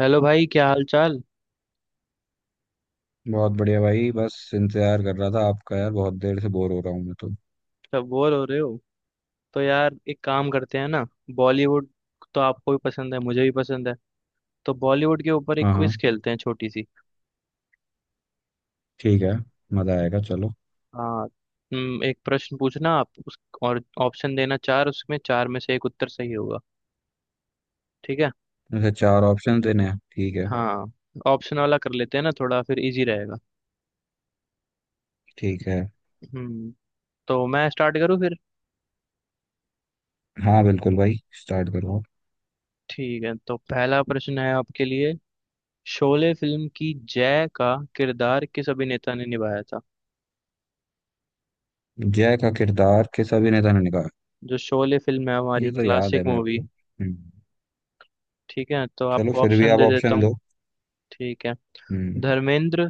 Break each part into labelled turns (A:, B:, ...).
A: Hello भाई, क्या हाल चाल।
B: बहुत बढ़िया भाई। बस इंतजार कर रहा था आपका यार। बहुत देर से बोर हो रहा हूँ मैं तो।
A: सब बोर हो रहे हो। तो यार एक काम करते हैं ना। बॉलीवुड तो आपको भी पसंद है, मुझे भी पसंद है। तो बॉलीवुड के ऊपर एक
B: हाँ हाँ।
A: क्विज खेलते हैं छोटी सी।
B: ठीक है। मजा आएगा, चलो।
A: हाँ। एक प्रश्न पूछना आप उस और ऑप्शन देना चार, उसमें चार में से एक उत्तर सही होगा। ठीक है।
B: वैसे चार ऑप्शन देने हैं, ठीक है।
A: हाँ। ऑप्शन वाला कर लेते हैं ना थोड़ा, फिर इजी रहेगा।
B: ठीक है।
A: हम्म। तो मैं स्टार्ट करूँ फिर।
B: हाँ बिल्कुल भाई। स्टार्ट करो आप।
A: ठीक है, तो पहला प्रश्न है आपके लिए। शोले फिल्म की जय का किरदार किस अभिनेता ने निभाया था।
B: जय का किरदार किस अभिनेता ने निभाया?
A: जो शोले फिल्म है हमारी
B: ये तो याद है
A: क्लासिक
B: मेरे को।
A: मूवी। ठीक है, तो
B: चलो
A: आपको
B: फिर भी
A: ऑप्शन
B: आप
A: दे देता
B: ऑप्शन
A: हूँ।
B: दो।
A: ठीक है।
B: हम्म।
A: धर्मेंद्र,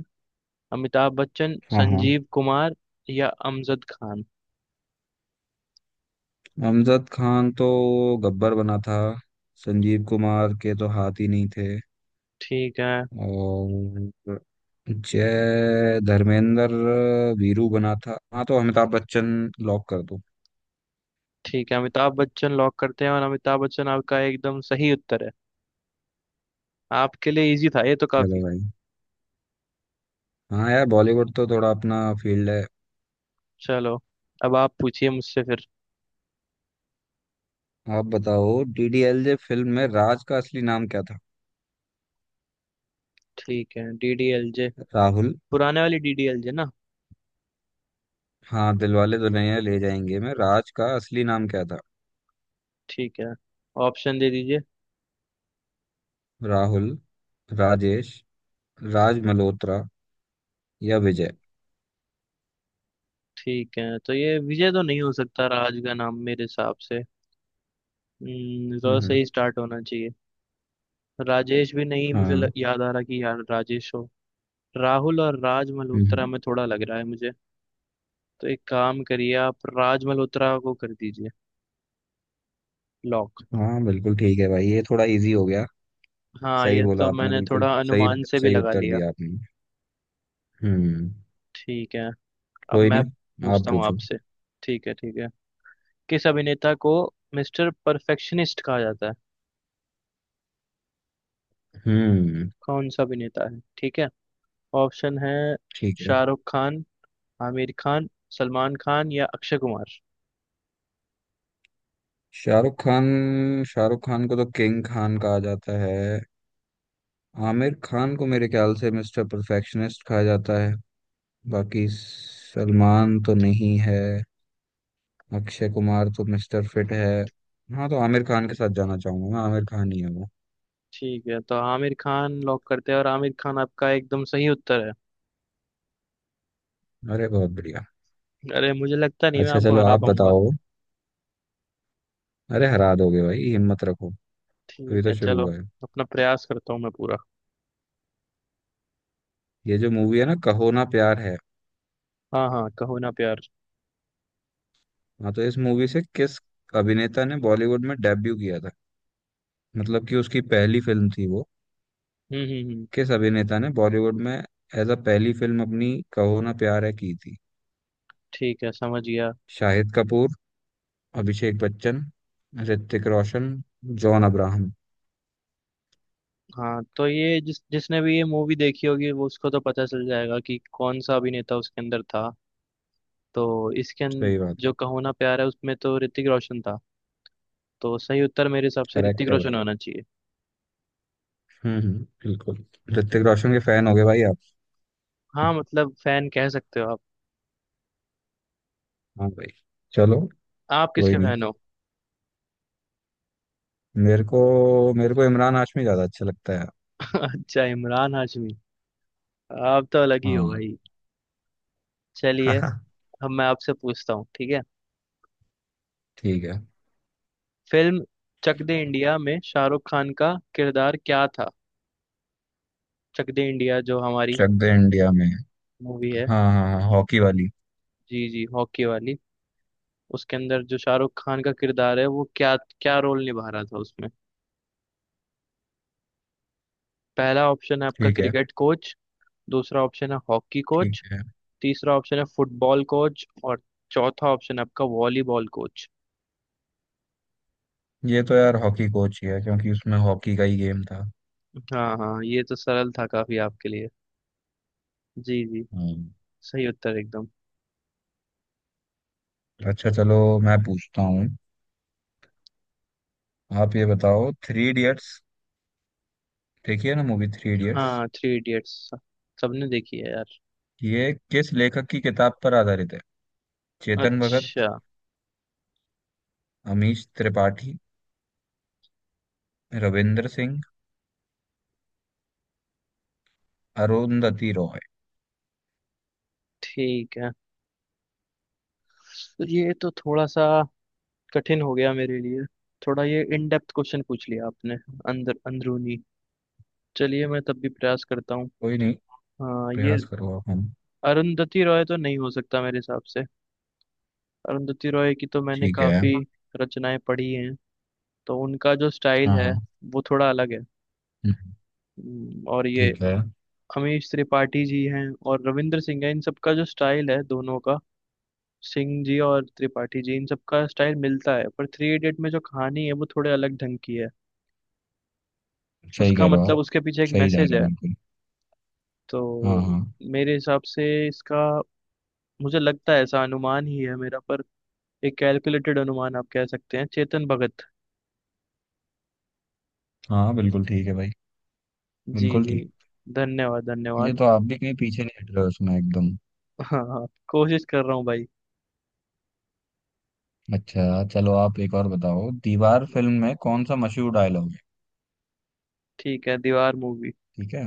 A: अमिताभ बच्चन,
B: हाँ हाँ।
A: संजीव कुमार या अमजद खान।
B: अमजद खान तो गब्बर बना था। संजीव कुमार के तो हाथ ही नहीं थे।
A: ठीक है।
B: और जय धर्मेंद्र। वीरू बना था, हाँ। तो अमिताभ बच्चन लॉक कर दो।
A: ठीक है, अमिताभ बच्चन लॉक करते हैं, और अमिताभ बच्चन आपका एकदम सही उत्तर है। आपके लिए इजी था ये तो
B: चलो
A: काफी।
B: भाई। हाँ यार, बॉलीवुड तो थोड़ा अपना फील्ड है।
A: चलो, अब आप पूछिए मुझसे फिर।
B: आप बताओ, डीडीएलजे फिल्म में राज का असली नाम क्या था?
A: ठीक है, डीडीएलजे।
B: राहुल।
A: पुराने वाली डीडीएलजे ना।
B: हाँ, दिलवाले दुल्हनिया ले जाएंगे में राज का असली नाम क्या था।
A: ठीक है, ऑप्शन दे दीजिए।
B: राहुल, राजेश, राज मल्होत्रा या विजय।
A: ठीक है, तो ये विजय तो नहीं हो सकता राज का नाम मेरे हिसाब से। र से
B: हम्म।
A: ही स्टार्ट होना चाहिए। राजेश भी नहीं, मुझे
B: हाँ।
A: याद आ रहा कि यार राजेश हो। राहुल और राज मल्होत्रा
B: हम्म।
A: में थोड़ा लग रहा है मुझे। तो एक काम करिए, आप राज मल्होत्रा को कर दीजिए लॉक।
B: हाँ बिल्कुल ठीक है भाई। ये थोड़ा इजी हो गया।
A: हाँ,
B: सही
A: ये
B: बोला
A: तो
B: आपने,
A: मैंने
B: बिल्कुल
A: थोड़ा
B: सही।
A: अनुमान से भी
B: सही
A: लगा
B: उत्तर
A: लिया।
B: दिया आपने। हम्म।
A: ठीक है। अब
B: कोई
A: मैं
B: नहीं, आप
A: पूछता हूँ
B: पूछो।
A: आपसे। ठीक है, ठीक है। किस अभिनेता को मिस्टर परफेक्शनिस्ट कहा जाता है।
B: हम्म।
A: कौन सा अभिनेता है, ठीक है। ऑप्शन है
B: ठीक है।
A: शाहरुख खान, आमिर खान, सलमान खान या अक्षय कुमार।
B: शाहरुख खान। शाहरुख खान को तो किंग खान कहा जाता है। आमिर खान को मेरे ख्याल से मिस्टर परफेक्शनिस्ट कहा जाता है। बाकी सलमान तो नहीं है। अक्षय कुमार तो मिस्टर फिट है। हाँ, तो आमिर खान के साथ जाना चाहूंगा मैं। आमिर खान ही है वो।
A: ठीक है, तो आमिर खान लॉक करते हैं, और आमिर खान आपका एकदम सही उत्तर है।
B: अरे बहुत बढ़िया।
A: अरे, मुझे लगता नहीं मैं
B: अच्छा
A: आपको
B: चलो,
A: हरा
B: आप
A: पाऊंगा।
B: बताओ। अरे हरा दोगे भाई, हिम्मत रखो। अभी
A: ठीक
B: तो
A: है,
B: शुरू
A: चलो।
B: हुआ है।
A: अपना प्रयास करता हूँ मैं पूरा।
B: ये जो मूवी है ना, कहो ना प्यार है।
A: हाँ हाँ, कहो ना प्यार।
B: हाँ, तो इस मूवी से किस अभिनेता ने बॉलीवुड में डेब्यू किया था? मतलब कि उसकी पहली फिल्म थी वो।
A: हम्म।
B: किस अभिनेता ने बॉलीवुड में एज अ पहली फिल्म अपनी कहो ना प्यार है की थी?
A: ठीक है, समझ गया।
B: शाहिद कपूर, अभिषेक बच्चन, ऋतिक रोशन, जॉन अब्राहम।
A: हाँ, तो ये जिस जिसने भी ये मूवी देखी होगी वो उसको तो पता चल जाएगा कि कौन सा अभिनेता उसके अंदर था। तो
B: सही बात है।
A: जो कहो ना प्यार है उसमें तो ऋतिक रोशन था। तो सही उत्तर मेरे हिसाब से ऋतिक
B: करेक्ट है
A: रोशन
B: भाई।
A: होना चाहिए।
B: बिल्कुल। ऋतिक रोशन के फैन हो गए भाई आप।
A: हाँ, मतलब फैन कह सकते हो आप।
B: हाँ भाई। चलो।
A: आप
B: कोई
A: किसके
B: नहीं,
A: फैन हो।
B: मेरे को मेरे को इमरान हाशमी ज्यादा अच्छा लगता है।
A: अच्छा, इमरान हाशमी। आप तो अलग ही हो
B: हाँ।
A: भाई। चलिए, अब मैं आपसे पूछता हूँ। ठीक है।
B: ठीक है।
A: फिल्म चक दे इंडिया में शाहरुख खान का किरदार क्या था। चक दे इंडिया जो हमारी
B: चक दे इंडिया में।
A: मूवी
B: हाँ
A: है।
B: हाँ हाँ, हॉकी वाली।
A: जी जी, हॉकी वाली। उसके अंदर जो शाहरुख खान का किरदार है वो क्या क्या रोल निभा रहा था उसमें। पहला ऑप्शन है आपका
B: ठीक है।
A: क्रिकेट कोच, दूसरा ऑप्शन है हॉकी
B: ठीक
A: कोच,
B: है।
A: तीसरा ऑप्शन है फुटबॉल कोच और चौथा ऑप्शन है आपका वॉलीबॉल कोच।
B: ये तो यार हॉकी कोच ही है, क्योंकि उसमें हॉकी का ही गेम था।
A: हाँ हाँ, ये तो सरल था काफी आपके लिए। जी जी,
B: हम्म।
A: सही उत्तर एकदम।
B: अच्छा चलो, मैं पूछता हूँ। आप ये बताओ, थ्री इडियट्स। देखिए ना मूवी, थ्री इडियट्स।
A: हाँ, थ्री इडियट्स सबने देखी है यार।
B: ये किस लेखक की किताब पर आधारित है? चेतन भगत,
A: अच्छा।
B: अमीश त्रिपाठी, रविंद्र सिंह, अरुंधति रॉय।
A: ठीक है, तो ये तो थोड़ा सा कठिन हो गया मेरे लिए। थोड़ा ये इन डेप्थ क्वेश्चन पूछ लिया आपने, अंदर अंदरूनी। चलिए, मैं तब भी प्रयास करता हूँ।
B: कोई नहीं,
A: हाँ ये,
B: प्रयास करो आप हम।
A: अरुंधति रॉय तो नहीं हो सकता मेरे हिसाब से। अरुंधति रॉय की तो मैंने
B: ठीक है।
A: काफी रचनाएं पढ़ी हैं, तो उनका जो स्टाइल
B: हाँ
A: है
B: हाँ।
A: वो थोड़ा अलग है।
B: हम्म,
A: और ये
B: ठीक है।
A: अमीश त्रिपाठी जी हैं और रविंद्र सिंह है, इन सबका जो स्टाइल है दोनों का, सिंह जी और त्रिपाठी जी, इन सबका स्टाइल मिलता है, पर थ्री इडियट में जो कहानी है वो थोड़े अलग ढंग की है।
B: सही
A: उसका
B: कह रहे हो आप।
A: मतलब उसके पीछे एक
B: सही जा
A: मैसेज
B: रहे हो
A: है।
B: बिल्कुल।
A: तो
B: हाँ हाँ।
A: मेरे हिसाब से इसका, मुझे लगता है ऐसा, अनुमान ही है मेरा, पर एक कैलकुलेटेड अनुमान आप कह सकते हैं, चेतन भगत।
B: हाँ बिल्कुल ठीक है भाई,
A: जी
B: बिल्कुल
A: जी,
B: ठीक।
A: धन्यवाद
B: ये
A: धन्यवाद।
B: तो आप भी कहीं पीछे नहीं हट रहे हो उसमें, एकदम।
A: हाँ हाँ, कोशिश कर रहा हूँ भाई।
B: अच्छा चलो, आप एक और बताओ। दीवार फिल्म में कौन सा मशहूर डायलॉग है?
A: ठीक है, दीवार मूवी,
B: ठीक है।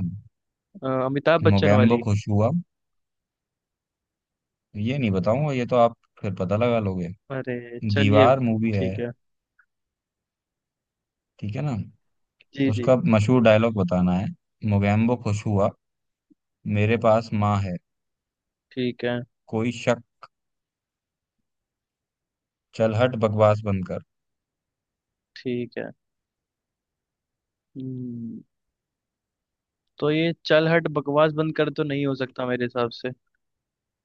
A: अमिताभ बच्चन
B: मोगैम्बो
A: वाली।
B: खुश हुआ, ये नहीं बताऊंगा, ये तो आप फिर पता लगा लोगे।
A: अरे चलिए।
B: दीवार मूवी है,
A: ठीक है।
B: ठीक है ना।
A: जी जी।
B: उसका मशहूर डायलॉग बताना है। मोगैम्बो खुश हुआ, मेरे पास माँ है,
A: ठीक है।
B: कोई शक, चल हट बकवास बंद कर।
A: ठीक है। हम्म, तो ये चल हट बकवास बंद कर तो नहीं हो सकता मेरे हिसाब से।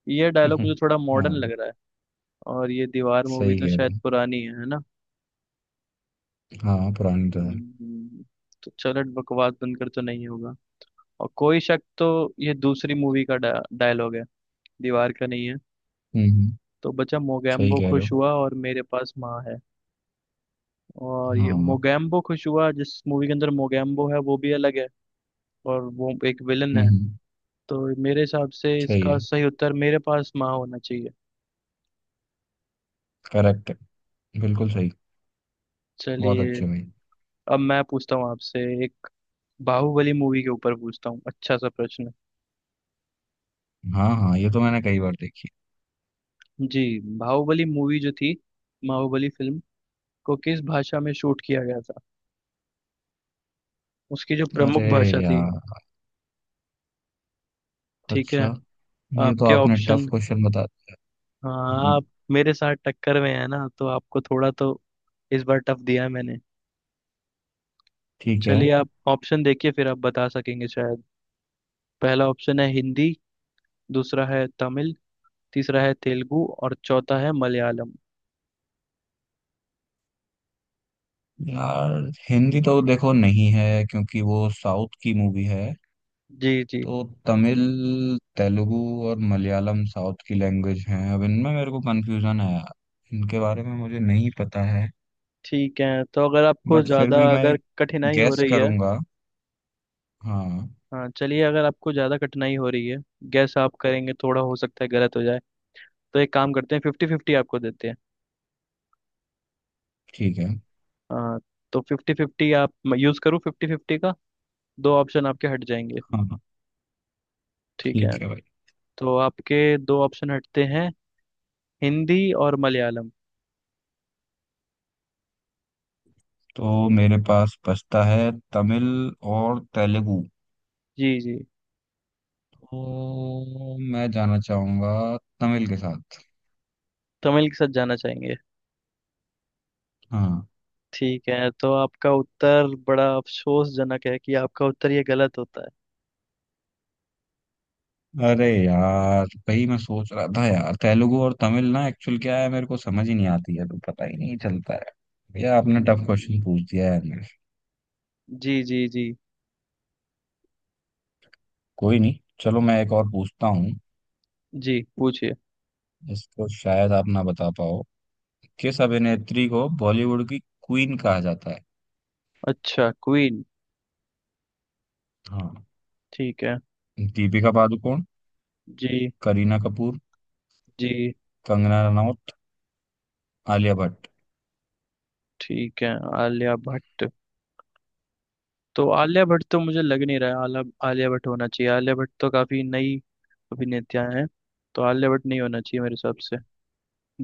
A: ये डायलॉग मुझे थोड़ा मॉडर्न
B: हाँ,
A: लग रहा है, और ये दीवार मूवी
B: सही
A: तो
B: कह
A: शायद
B: रहे
A: पुरानी है ना।
B: हो। हाँ पुरानी तो है।
A: हम्म, तो चल हट बकवास बंद कर तो नहीं होगा। और कोई शक, तो ये दूसरी मूवी का डायलॉग है, दीवार का नहीं है।
B: हम्म हम्म,
A: तो बचा
B: सही
A: मोगैम्बो
B: कह रहे हो।
A: खुश हुआ और मेरे पास माँ है। और
B: हाँ।
A: ये मोगैम्बो खुश हुआ, जिस मूवी के अंदर मोगैम्बो है वो भी अलग है, और वो एक विलन है।
B: हम्म,
A: तो मेरे हिसाब से
B: सही
A: इसका
B: है।
A: सही उत्तर मेरे पास माँ होना चाहिए।
B: करेक्ट है, बिल्कुल सही। बहुत
A: चलिए,
B: अच्छी हुई।
A: अब मैं पूछता हूँ आपसे। एक बाहुबली मूवी के ऊपर पूछता हूँ अच्छा सा प्रश्न।
B: हाँ हाँ, ये तो मैंने कई बार देखी।
A: जी। बाहुबली मूवी जो थी, बाहुबली फिल्म को किस भाषा में शूट किया गया था, उसकी जो
B: अरे
A: प्रमुख भाषा थी।
B: यार।
A: ठीक है,
B: अच्छा, ये तो
A: आपके
B: आपने
A: ऑप्शन।
B: टफ क्वेश्चन बता दिया।
A: हाँ,
B: हम्म,
A: आप मेरे साथ टक्कर में है ना, तो आपको थोड़ा तो इस बार टफ दिया है मैंने।
B: ठीक है
A: चलिए, आप ऑप्शन देखिए फिर आप बता सकेंगे शायद। पहला ऑप्शन है हिंदी, दूसरा है तमिल, तीसरा है तेलुगु और चौथा है मलयालम।
B: यार। हिंदी तो देखो नहीं है, क्योंकि वो साउथ की मूवी है।
A: जी जी।
B: तो तमिल, तेलुगु और मलयालम साउथ की लैंग्वेज हैं। अब इनमें मेरे को कंफ्यूजन है यार, इनके बारे में मुझे नहीं पता है।
A: ठीक है, तो अगर आपको
B: बट फिर
A: ज़्यादा,
B: भी मैं
A: अगर
B: एक
A: कठिनाई हो
B: गैस
A: रही है।
B: करूंगा। हाँ।
A: हाँ चलिए, अगर आपको ज़्यादा कठिनाई हो रही है, गैस आप करेंगे थोड़ा, हो सकता है गलत हो जाए। तो एक काम करते हैं, फिफ्टी फिफ्टी आपको देते हैं।
B: ठीक है।
A: हाँ, तो फिफ्टी फिफ्टी आप, यूज़ करूँ फिफ्टी फिफ्टी का, दो ऑप्शन आपके हट जाएंगे।
B: हाँ हाँ,
A: ठीक है,
B: ठीक है भाई।
A: तो आपके दो ऑप्शन हटते हैं, हिंदी और मलयालम।
B: तो मेरे पास बचता है तमिल और तेलुगु।
A: जी जी।
B: तो मैं जाना चाहूंगा तमिल के साथ।
A: तमिल के साथ जाना चाहेंगे।
B: हाँ।
A: ठीक है, तो आपका उत्तर बड़ा अफसोसजनक है कि आपका उत्तर ये गलत होता है।
B: अरे यार, वही मैं सोच रहा था यार, तेलुगु और तमिल ना एक्चुअल क्या है मेरे को समझ ही नहीं आती है, तो पता ही नहीं चलता है। भैया आपने टफ क्वेश्चन पूछ
A: हम्म,
B: दिया है मेरे।
A: जी जी जी
B: कोई नहीं, चलो मैं एक और पूछता हूँ।
A: जी, पूछिए।
B: इसको शायद आप ना बता पाओ। किस अभिनेत्री को बॉलीवुड की क्वीन कहा जाता है?
A: अच्छा क्वीन।
B: हाँ।
A: ठीक है।
B: दीपिका पादुकोण,
A: जी
B: करीना कपूर,
A: जी।
B: कंगना रनौत, आलिया भट्ट।
A: ठीक है, आलिया भट्ट। तो आलिया भट्ट तो मुझे लग नहीं रहा है आला आलिया भट्ट होना चाहिए, आलिया भट्ट तो काफी नई अभिनेता हैं, तो आलिया भट्ट नहीं होना चाहिए मेरे हिसाब से।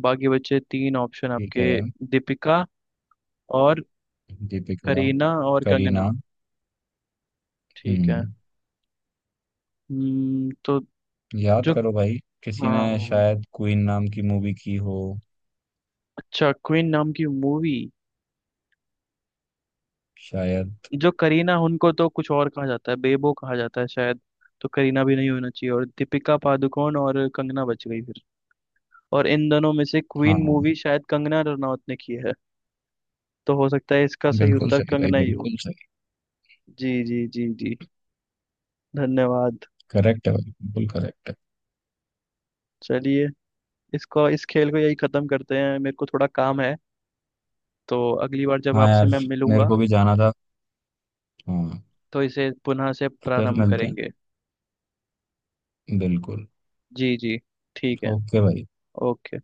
A: बाकी बचे तीन ऑप्शन
B: ठीक है।
A: आपके, दीपिका और
B: दीपिका।
A: करीना और
B: करीना।
A: कंगना। ठीक है।
B: हम्म।
A: हम्म, तो
B: याद
A: जो,
B: करो भाई, किसी ने
A: हाँ,
B: शायद क्वीन नाम की मूवी की हो।
A: अच्छा, क्वीन नाम की मूवी।
B: शायद।
A: जो करीना, उनको तो कुछ और कहा जाता है, बेबो कहा जाता है शायद। तो करीना भी नहीं होना चाहिए, और दीपिका पादुकोण और कंगना बच गई फिर। और इन दोनों में से क्वीन
B: हाँ
A: मूवी शायद कंगना रनौत ने की है। तो हो सकता है इसका सही
B: बिल्कुल
A: उत्तर
B: सही भाई,
A: कंगना ही हो।
B: बिल्कुल सही।
A: जी जी जी जी, धन्यवाद।
B: करेक्ट है भाई, बिल्कुल करेक्ट है।
A: चलिए, इसको इस खेल को यही खत्म करते हैं, मेरे को थोड़ा काम है। तो अगली बार जब
B: हाँ
A: आपसे
B: यार,
A: मैं
B: मेरे
A: मिलूंगा
B: को भी जाना था। हाँ।
A: तो इसे पुनः से
B: फिर
A: प्रारंभ
B: मिलते
A: करेंगे।
B: हैं, बिल्कुल।
A: जी जी, ठीक है।
B: ओके भाई।
A: ओके।